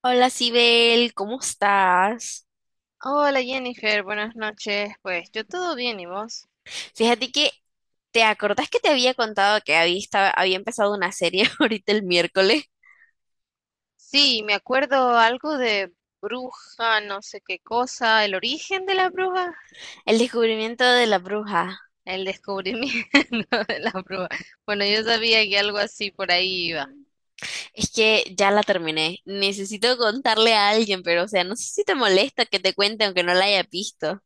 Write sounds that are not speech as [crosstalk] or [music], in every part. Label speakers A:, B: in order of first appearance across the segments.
A: Hola, Sibel, ¿cómo estás?
B: Hola Jennifer, buenas noches. Pues yo todo bien, ¿y vos?
A: Fíjate que, ¿te acordás que te había contado que había, estaba- había empezado una serie [laughs] ahorita el miércoles?
B: Sí, me acuerdo algo de bruja, no sé qué cosa, el origen de la bruja,
A: El descubrimiento de la bruja.
B: el descubrimiento [laughs] de la bruja. Bueno, yo sabía que algo así por ahí iba.
A: Es que ya la terminé. Necesito contarle a alguien, pero o sea, no sé si te molesta que te cuente aunque no la haya visto.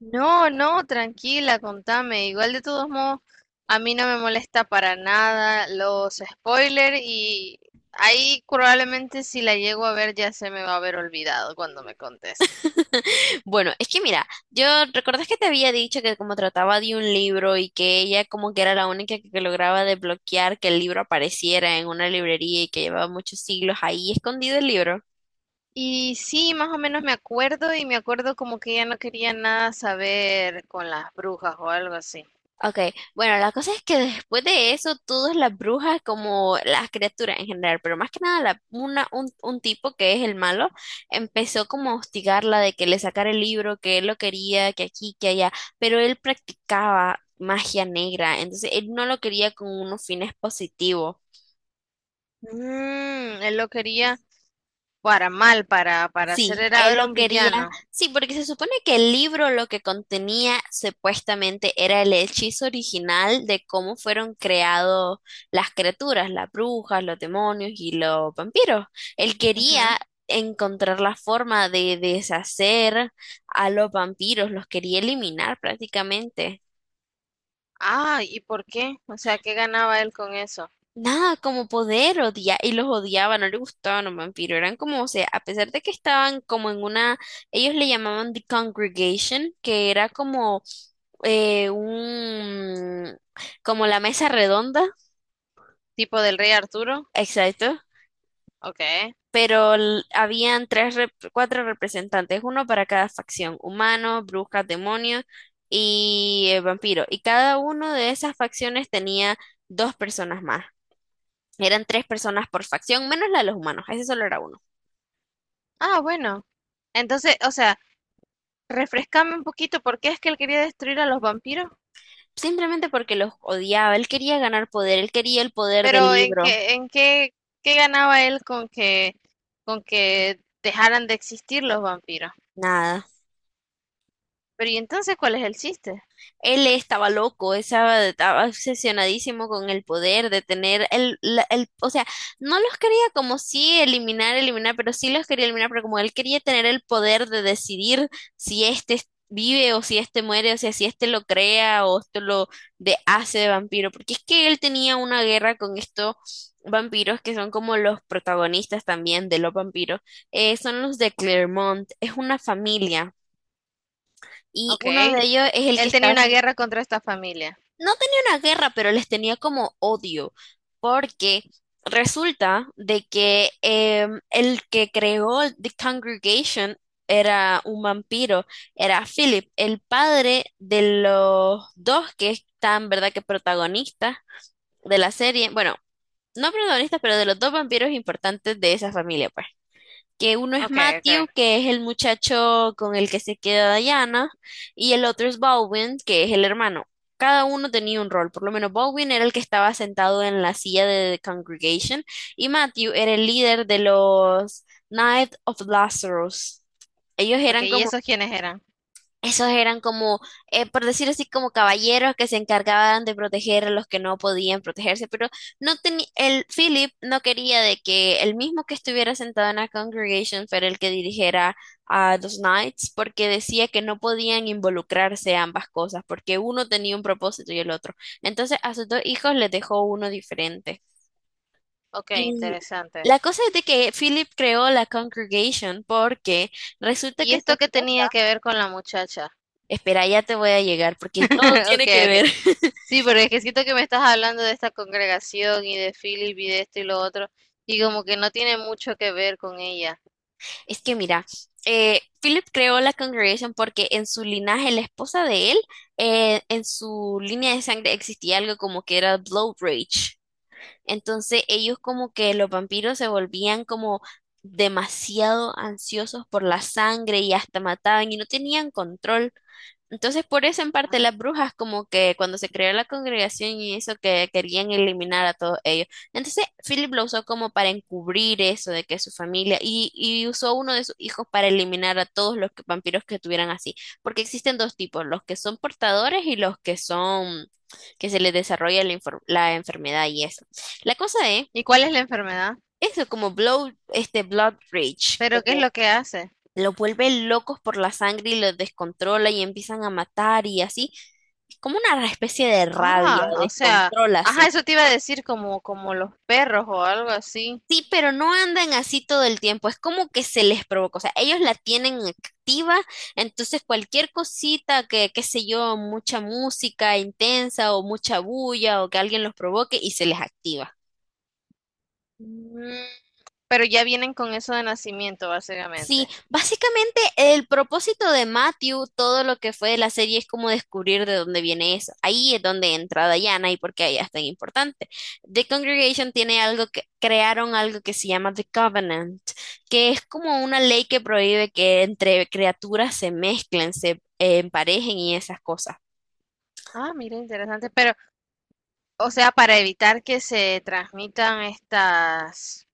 B: No, no, tranquila, contame. Igual de todos modos, a mí no me molesta para nada los spoilers y ahí probablemente si la llego a ver ya se me va a haber olvidado cuando me contes.
A: [laughs] Bueno, es que mira, yo recordás que te había dicho que como trataba de un libro y que ella como que era la única que lograba desbloquear que el libro apareciera en una librería y que llevaba muchos siglos ahí escondido el libro.
B: Y sí, más o menos me acuerdo y me acuerdo como que ella no quería nada saber con las brujas o algo así.
A: Ok, bueno, la cosa es que después de eso, todas las brujas, como las criaturas en general, pero más que nada la- una, un tipo que es el malo, empezó como a hostigarla de que le sacara el libro, que él lo quería, que aquí, que allá, pero él practicaba magia negra, entonces él no lo quería con unos fines positivos.
B: Mm, él lo quería para mal, para hacer,
A: Sí, él
B: era
A: lo
B: un
A: quería.
B: villano.
A: Sí, porque se supone que el libro lo que contenía supuestamente era el hechizo original de cómo fueron creados las criaturas, las brujas, los demonios y los vampiros. Él
B: Ujú.
A: quería encontrar la forma de deshacer a los vampiros, los quería eliminar prácticamente.
B: Ah, ¿y por qué? O sea, ¿qué ganaba él con eso?
A: Nada, como poder odiar, y los odiaba, no le gustaban los vampiros, eran como, o sea, a pesar de que estaban como en una, ellos le llamaban The Congregation, que era como un, como la mesa redonda,
B: ¿Tipo del rey Arturo?
A: exacto,
B: Ok.
A: pero l- habían tres, rep- cuatro representantes, uno para cada facción, humanos, brujas, demonios y vampiros, y cada uno de esas facciones tenía dos personas más, eran tres personas por facción, menos la de los humanos, ese solo era uno.
B: Ah, bueno. Entonces, o sea, refrescame un poquito, ¿por qué es que él quería destruir a los vampiros?
A: Simplemente porque los odiaba. Él quería ganar poder, él quería el poder del
B: Pero ¿en
A: libro.
B: qué, qué ganaba él con que dejaran de existir los vampiros?
A: Nada.
B: Pero ¿y entonces cuál es el chiste?
A: Él estaba loco, estaba obsesionadísimo con el poder de tener el, la- el, o sea, no los quería como si eliminar, eliminar, pero sí los quería eliminar, pero como él quería tener el poder de decidir si este vive o si este muere, o sea, si este lo crea o esto lo de hace de vampiro, porque es que él tenía una guerra con estos vampiros que son como los protagonistas también de los vampiros, son los de Claremont, es una familia. Y
B: Ok,
A: uno de ellos es el que
B: él tenía
A: está
B: una guerra contra esta familia.
A: no tenía una guerra, pero les tenía como odio, porque resulta de que el que creó The Congregation era un vampiro, era Philip, el padre de los dos que están, ¿verdad?, que protagonistas de la serie, bueno, no protagonistas, pero de los dos vampiros importantes de esa familia, pues que uno es
B: Ok, ok.
A: Matthew, que es el muchacho con el que se queda Diana, y el otro es Baldwin, que es el hermano. Cada uno tenía un rol, por lo menos Baldwin era el que estaba sentado en la silla de The Congregation y Matthew era el líder de los Knights of Lazarus. Ellos
B: Ok,
A: eran
B: ¿y
A: como
B: esos quiénes eran?
A: esos eran como, por decir así, como caballeros que se encargaban de proteger a los que no podían protegerse, pero no tenía, el Philip no quería de que el mismo que estuviera sentado en la congregation fuera el que dirigiera a los Knights, porque decía que no podían involucrarse ambas cosas, porque uno tenía un propósito y el otro. Entonces a sus dos hijos les dejó uno diferente.
B: Ok,
A: Y
B: interesante.
A: la cosa es de que Philip creó la congregation porque resulta
B: ¿Y
A: que su
B: esto qué
A: esposa
B: tenía que ver con la muchacha?
A: espera, ya te voy a llegar porque todo
B: [laughs] Ok,
A: tiene que
B: ok.
A: ver. [laughs]
B: Sí, pero es que siento que me estás hablando de esta congregación y de Philip y de esto y lo otro, y como que no tiene mucho que ver con ella.
A: Es que mira, Philip creó la Congregation porque en su linaje, la esposa de él, en su línea de sangre existía algo como que era Blood Rage. Entonces ellos como que los vampiros se volvían como demasiado ansiosos por la sangre y hasta mataban y no tenían control. Entonces por eso en parte
B: Ah.
A: las brujas como que cuando se creó la congregación y eso que querían eliminar a todos ellos. Entonces Philip lo usó como para encubrir eso de que su familia y usó uno de sus hijos para eliminar a todos los que- vampiros que tuvieran así. Porque existen dos tipos, los que son portadores y los que son que se les desarrolla la, infor- la enfermedad y eso. La cosa es,
B: ¿Y cuál es la enfermedad?
A: eso como Blood, este Blood Rage,
B: ¿Pero qué es
A: como
B: lo que hace?
A: lo vuelve locos por la sangre y lo descontrola y empiezan a matar y así. Es como una especie de rabia,
B: Ah, o sea,
A: descontrol
B: ajá,
A: así.
B: eso te iba a decir como, como los perros o algo así.
A: Sí, pero no andan así todo el tiempo, es como que se les provoca, o sea, ellos la tienen activa, entonces cualquier cosita que, qué sé yo, mucha música intensa o mucha bulla o que alguien los provoque y se les activa.
B: Pero ya vienen con eso de nacimiento,
A: Sí,
B: básicamente.
A: básicamente el propósito de Matthew, todo lo que fue de la serie es como descubrir de dónde viene eso. Ahí es donde entra Diana y por qué ella es tan importante. The Congregation tiene algo que crearon algo que se llama The Covenant, que es como una ley que prohíbe que entre criaturas se mezclen, se emparejen y esas cosas.
B: Ah, mira, interesante. Pero, o sea, para evitar que se transmitan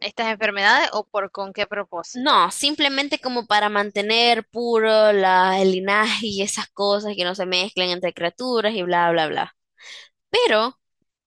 B: estas enfermedades o por con qué propósito.
A: No, simplemente como para mantener puro la, el linaje y esas cosas que no se mezclen entre criaturas y bla, bla, bla. Pero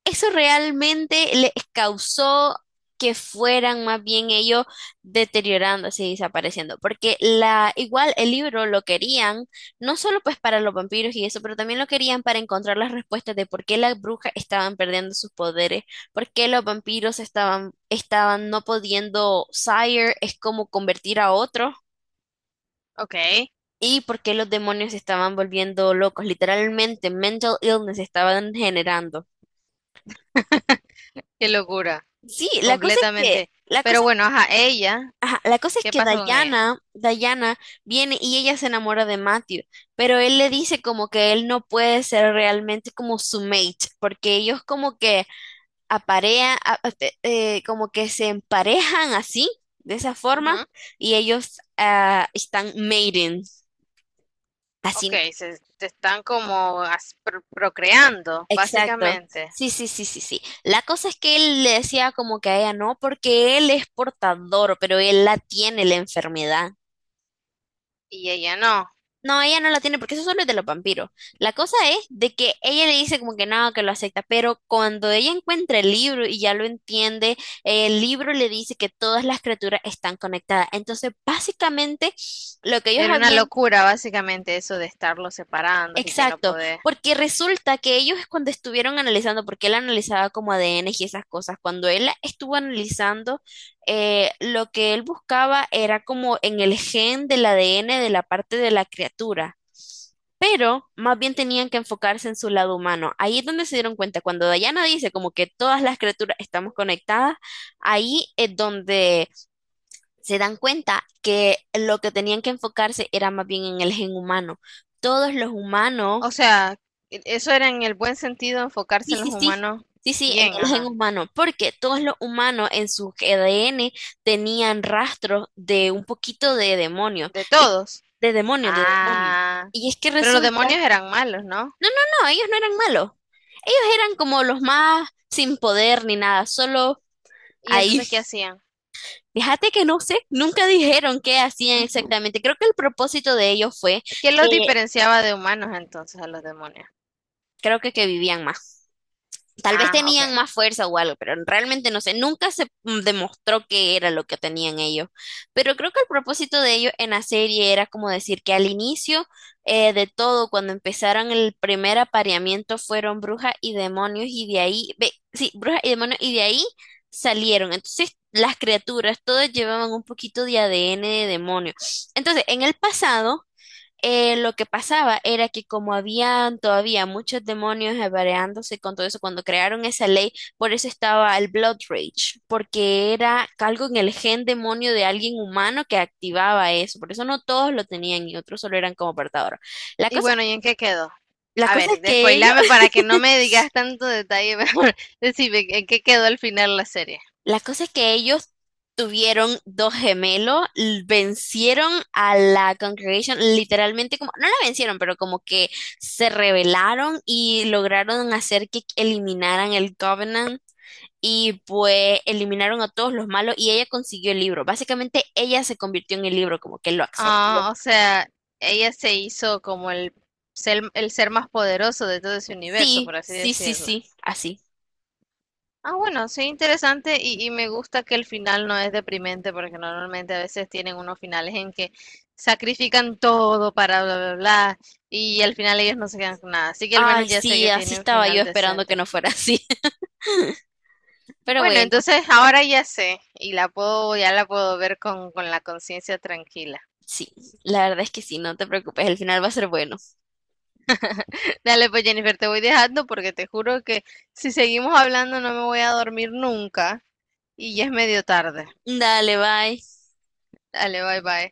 A: eso realmente les causó que fueran más bien ellos deteriorándose y desapareciendo, porque la igual el libro lo querían no solo pues para los vampiros y eso, pero también lo querían para encontrar las respuestas de por qué las brujas estaban perdiendo sus poderes, por qué los vampiros estaban no pudiendo sire es como convertir a otro.
B: Ok,
A: Y por qué los demonios se estaban volviendo locos, literalmente mental illness estaban generando.
B: [laughs] qué locura,
A: Sí, la cosa es que,
B: completamente.
A: la
B: Pero
A: cosa
B: bueno, ajá, ella,
A: ajá, la cosa es
B: ¿qué
A: que
B: pasó con ella?
A: Diana viene y ella se enamora de Matthew, pero él le dice como que él no puede ser realmente como su mate, porque ellos como que aparean, a- te- como que se emparejan así, de esa forma,
B: Ujú,
A: y ellos ah, están mating,
B: Ok,
A: así,
B: se están como as- pro- procreando,
A: exacto.
B: básicamente,
A: Sí, sí, sí, sí, sí. La cosa es que él le decía como que a ella no, porque él es portador, pero él la tiene la enfermedad.
B: y ella no.
A: No, ella no la tiene porque eso solo es de los vampiros. La cosa es de que ella le dice como que no, que lo acepta, pero cuando ella encuentra el libro y ya lo entiende, el libro le dice que todas las criaturas están conectadas. Entonces, básicamente, lo que ellos
B: Era una
A: habían...
B: locura, básicamente, eso de estarlos separando y que no
A: Exacto,
B: poder.
A: porque resulta que ellos cuando estuvieron analizando, porque él analizaba como ADN y esas cosas, cuando él estuvo analizando, lo que él buscaba era como en el gen del ADN de la parte de la criatura pero más bien tenían que enfocarse en su lado humano. Ahí es donde se dieron cuenta, cuando Diana dice como que todas las criaturas estamos conectadas, ahí es donde se dan cuenta que lo que tenían que enfocarse era más bien en el gen humano. Todos los
B: O
A: humanos,
B: sea, e- eso era en el buen sentido
A: sí,
B: enfocarse en los
A: sí, sí.
B: humanos
A: Sí, sí, en
B: bien,
A: el gen
B: ajá,
A: humano, porque todos los humanos en su ADN tenían rastros de un poquito de demonio,
B: de
A: y
B: todos.
A: de demonio, de demonio.
B: Ah,
A: Y es que
B: pero los
A: resulta
B: demonios eran malos, ¿no?
A: no, no, no, ellos no eran malos. Ellos eran como los más sin poder ni nada, solo
B: ¿Y
A: ahí.
B: entonces qué hacían?
A: Fíjate que no sé, nunca dijeron qué hacían exactamente. Creo que el propósito de ellos fue
B: ¿Quién los
A: que
B: diferenciaba de humanos entonces a los demonios?
A: creo que vivían más. Tal vez
B: Ah, ok.
A: tenían más fuerza o algo, pero realmente no sé, nunca se demostró qué era lo que tenían ellos. Pero creo que el propósito de ellos en la serie era como decir que al inicio de todo, cuando empezaron el primer apareamiento, fueron brujas y demonios y de ahí, ve, sí, brujas y demonios y de ahí salieron. Entonces las criaturas todas llevaban un poquito de ADN de demonio. Entonces, en el pasado lo que pasaba era que como habían todavía muchos demonios apareándose con todo eso, cuando crearon esa ley, por eso estaba el Blood Rage, porque era algo en el gen demonio de alguien humano que activaba eso, por eso no todos lo tenían y otros solo eran como portadores. La
B: Y
A: cosa,
B: bueno, ¿y en qué quedó?
A: la
B: A
A: cosa
B: ver,
A: es que ellos
B: despoilame para que no me digas tanto detalle, [laughs] mejor decime en qué quedó al final la serie.
A: la cosa es que ellos tuvieron dos gemelos, l- vencieron a la Congregation, literalmente como, no la vencieron, pero como que se rebelaron y lograron hacer que eliminaran el Covenant y pues eliminaron a todos los malos y ella consiguió el libro. Básicamente ella se convirtió en el libro, como que lo absorbió.
B: Ah, o sea, ella se hizo como el el ser más poderoso de todo ese universo,
A: Sí,
B: por así
A: sí, sí,
B: decirlo.
A: sí, así.
B: Ah, bueno, sí, interesante y me gusta que el final no es deprimente porque normalmente a veces tienen unos finales en que sacrifican todo para bla, bla, bla y al final ellos no se quedan con nada. Así que al
A: Ay,
B: menos ya sé
A: sí,
B: que
A: así
B: tiene un
A: estaba yo
B: final
A: esperando que
B: decente.
A: no fuera así. [laughs] Pero
B: Bueno,
A: bueno,
B: entonces ahora ya sé y la puedo, ya la puedo ver con la conciencia tranquila.
A: sí, la verdad es que sí, no te preocupes, el final va a ser bueno.
B: Dale, pues Jennifer, te voy dejando porque te juro que si seguimos hablando no me voy a dormir nunca y ya es medio tarde.
A: Dale, bye.
B: Dale, bye bye.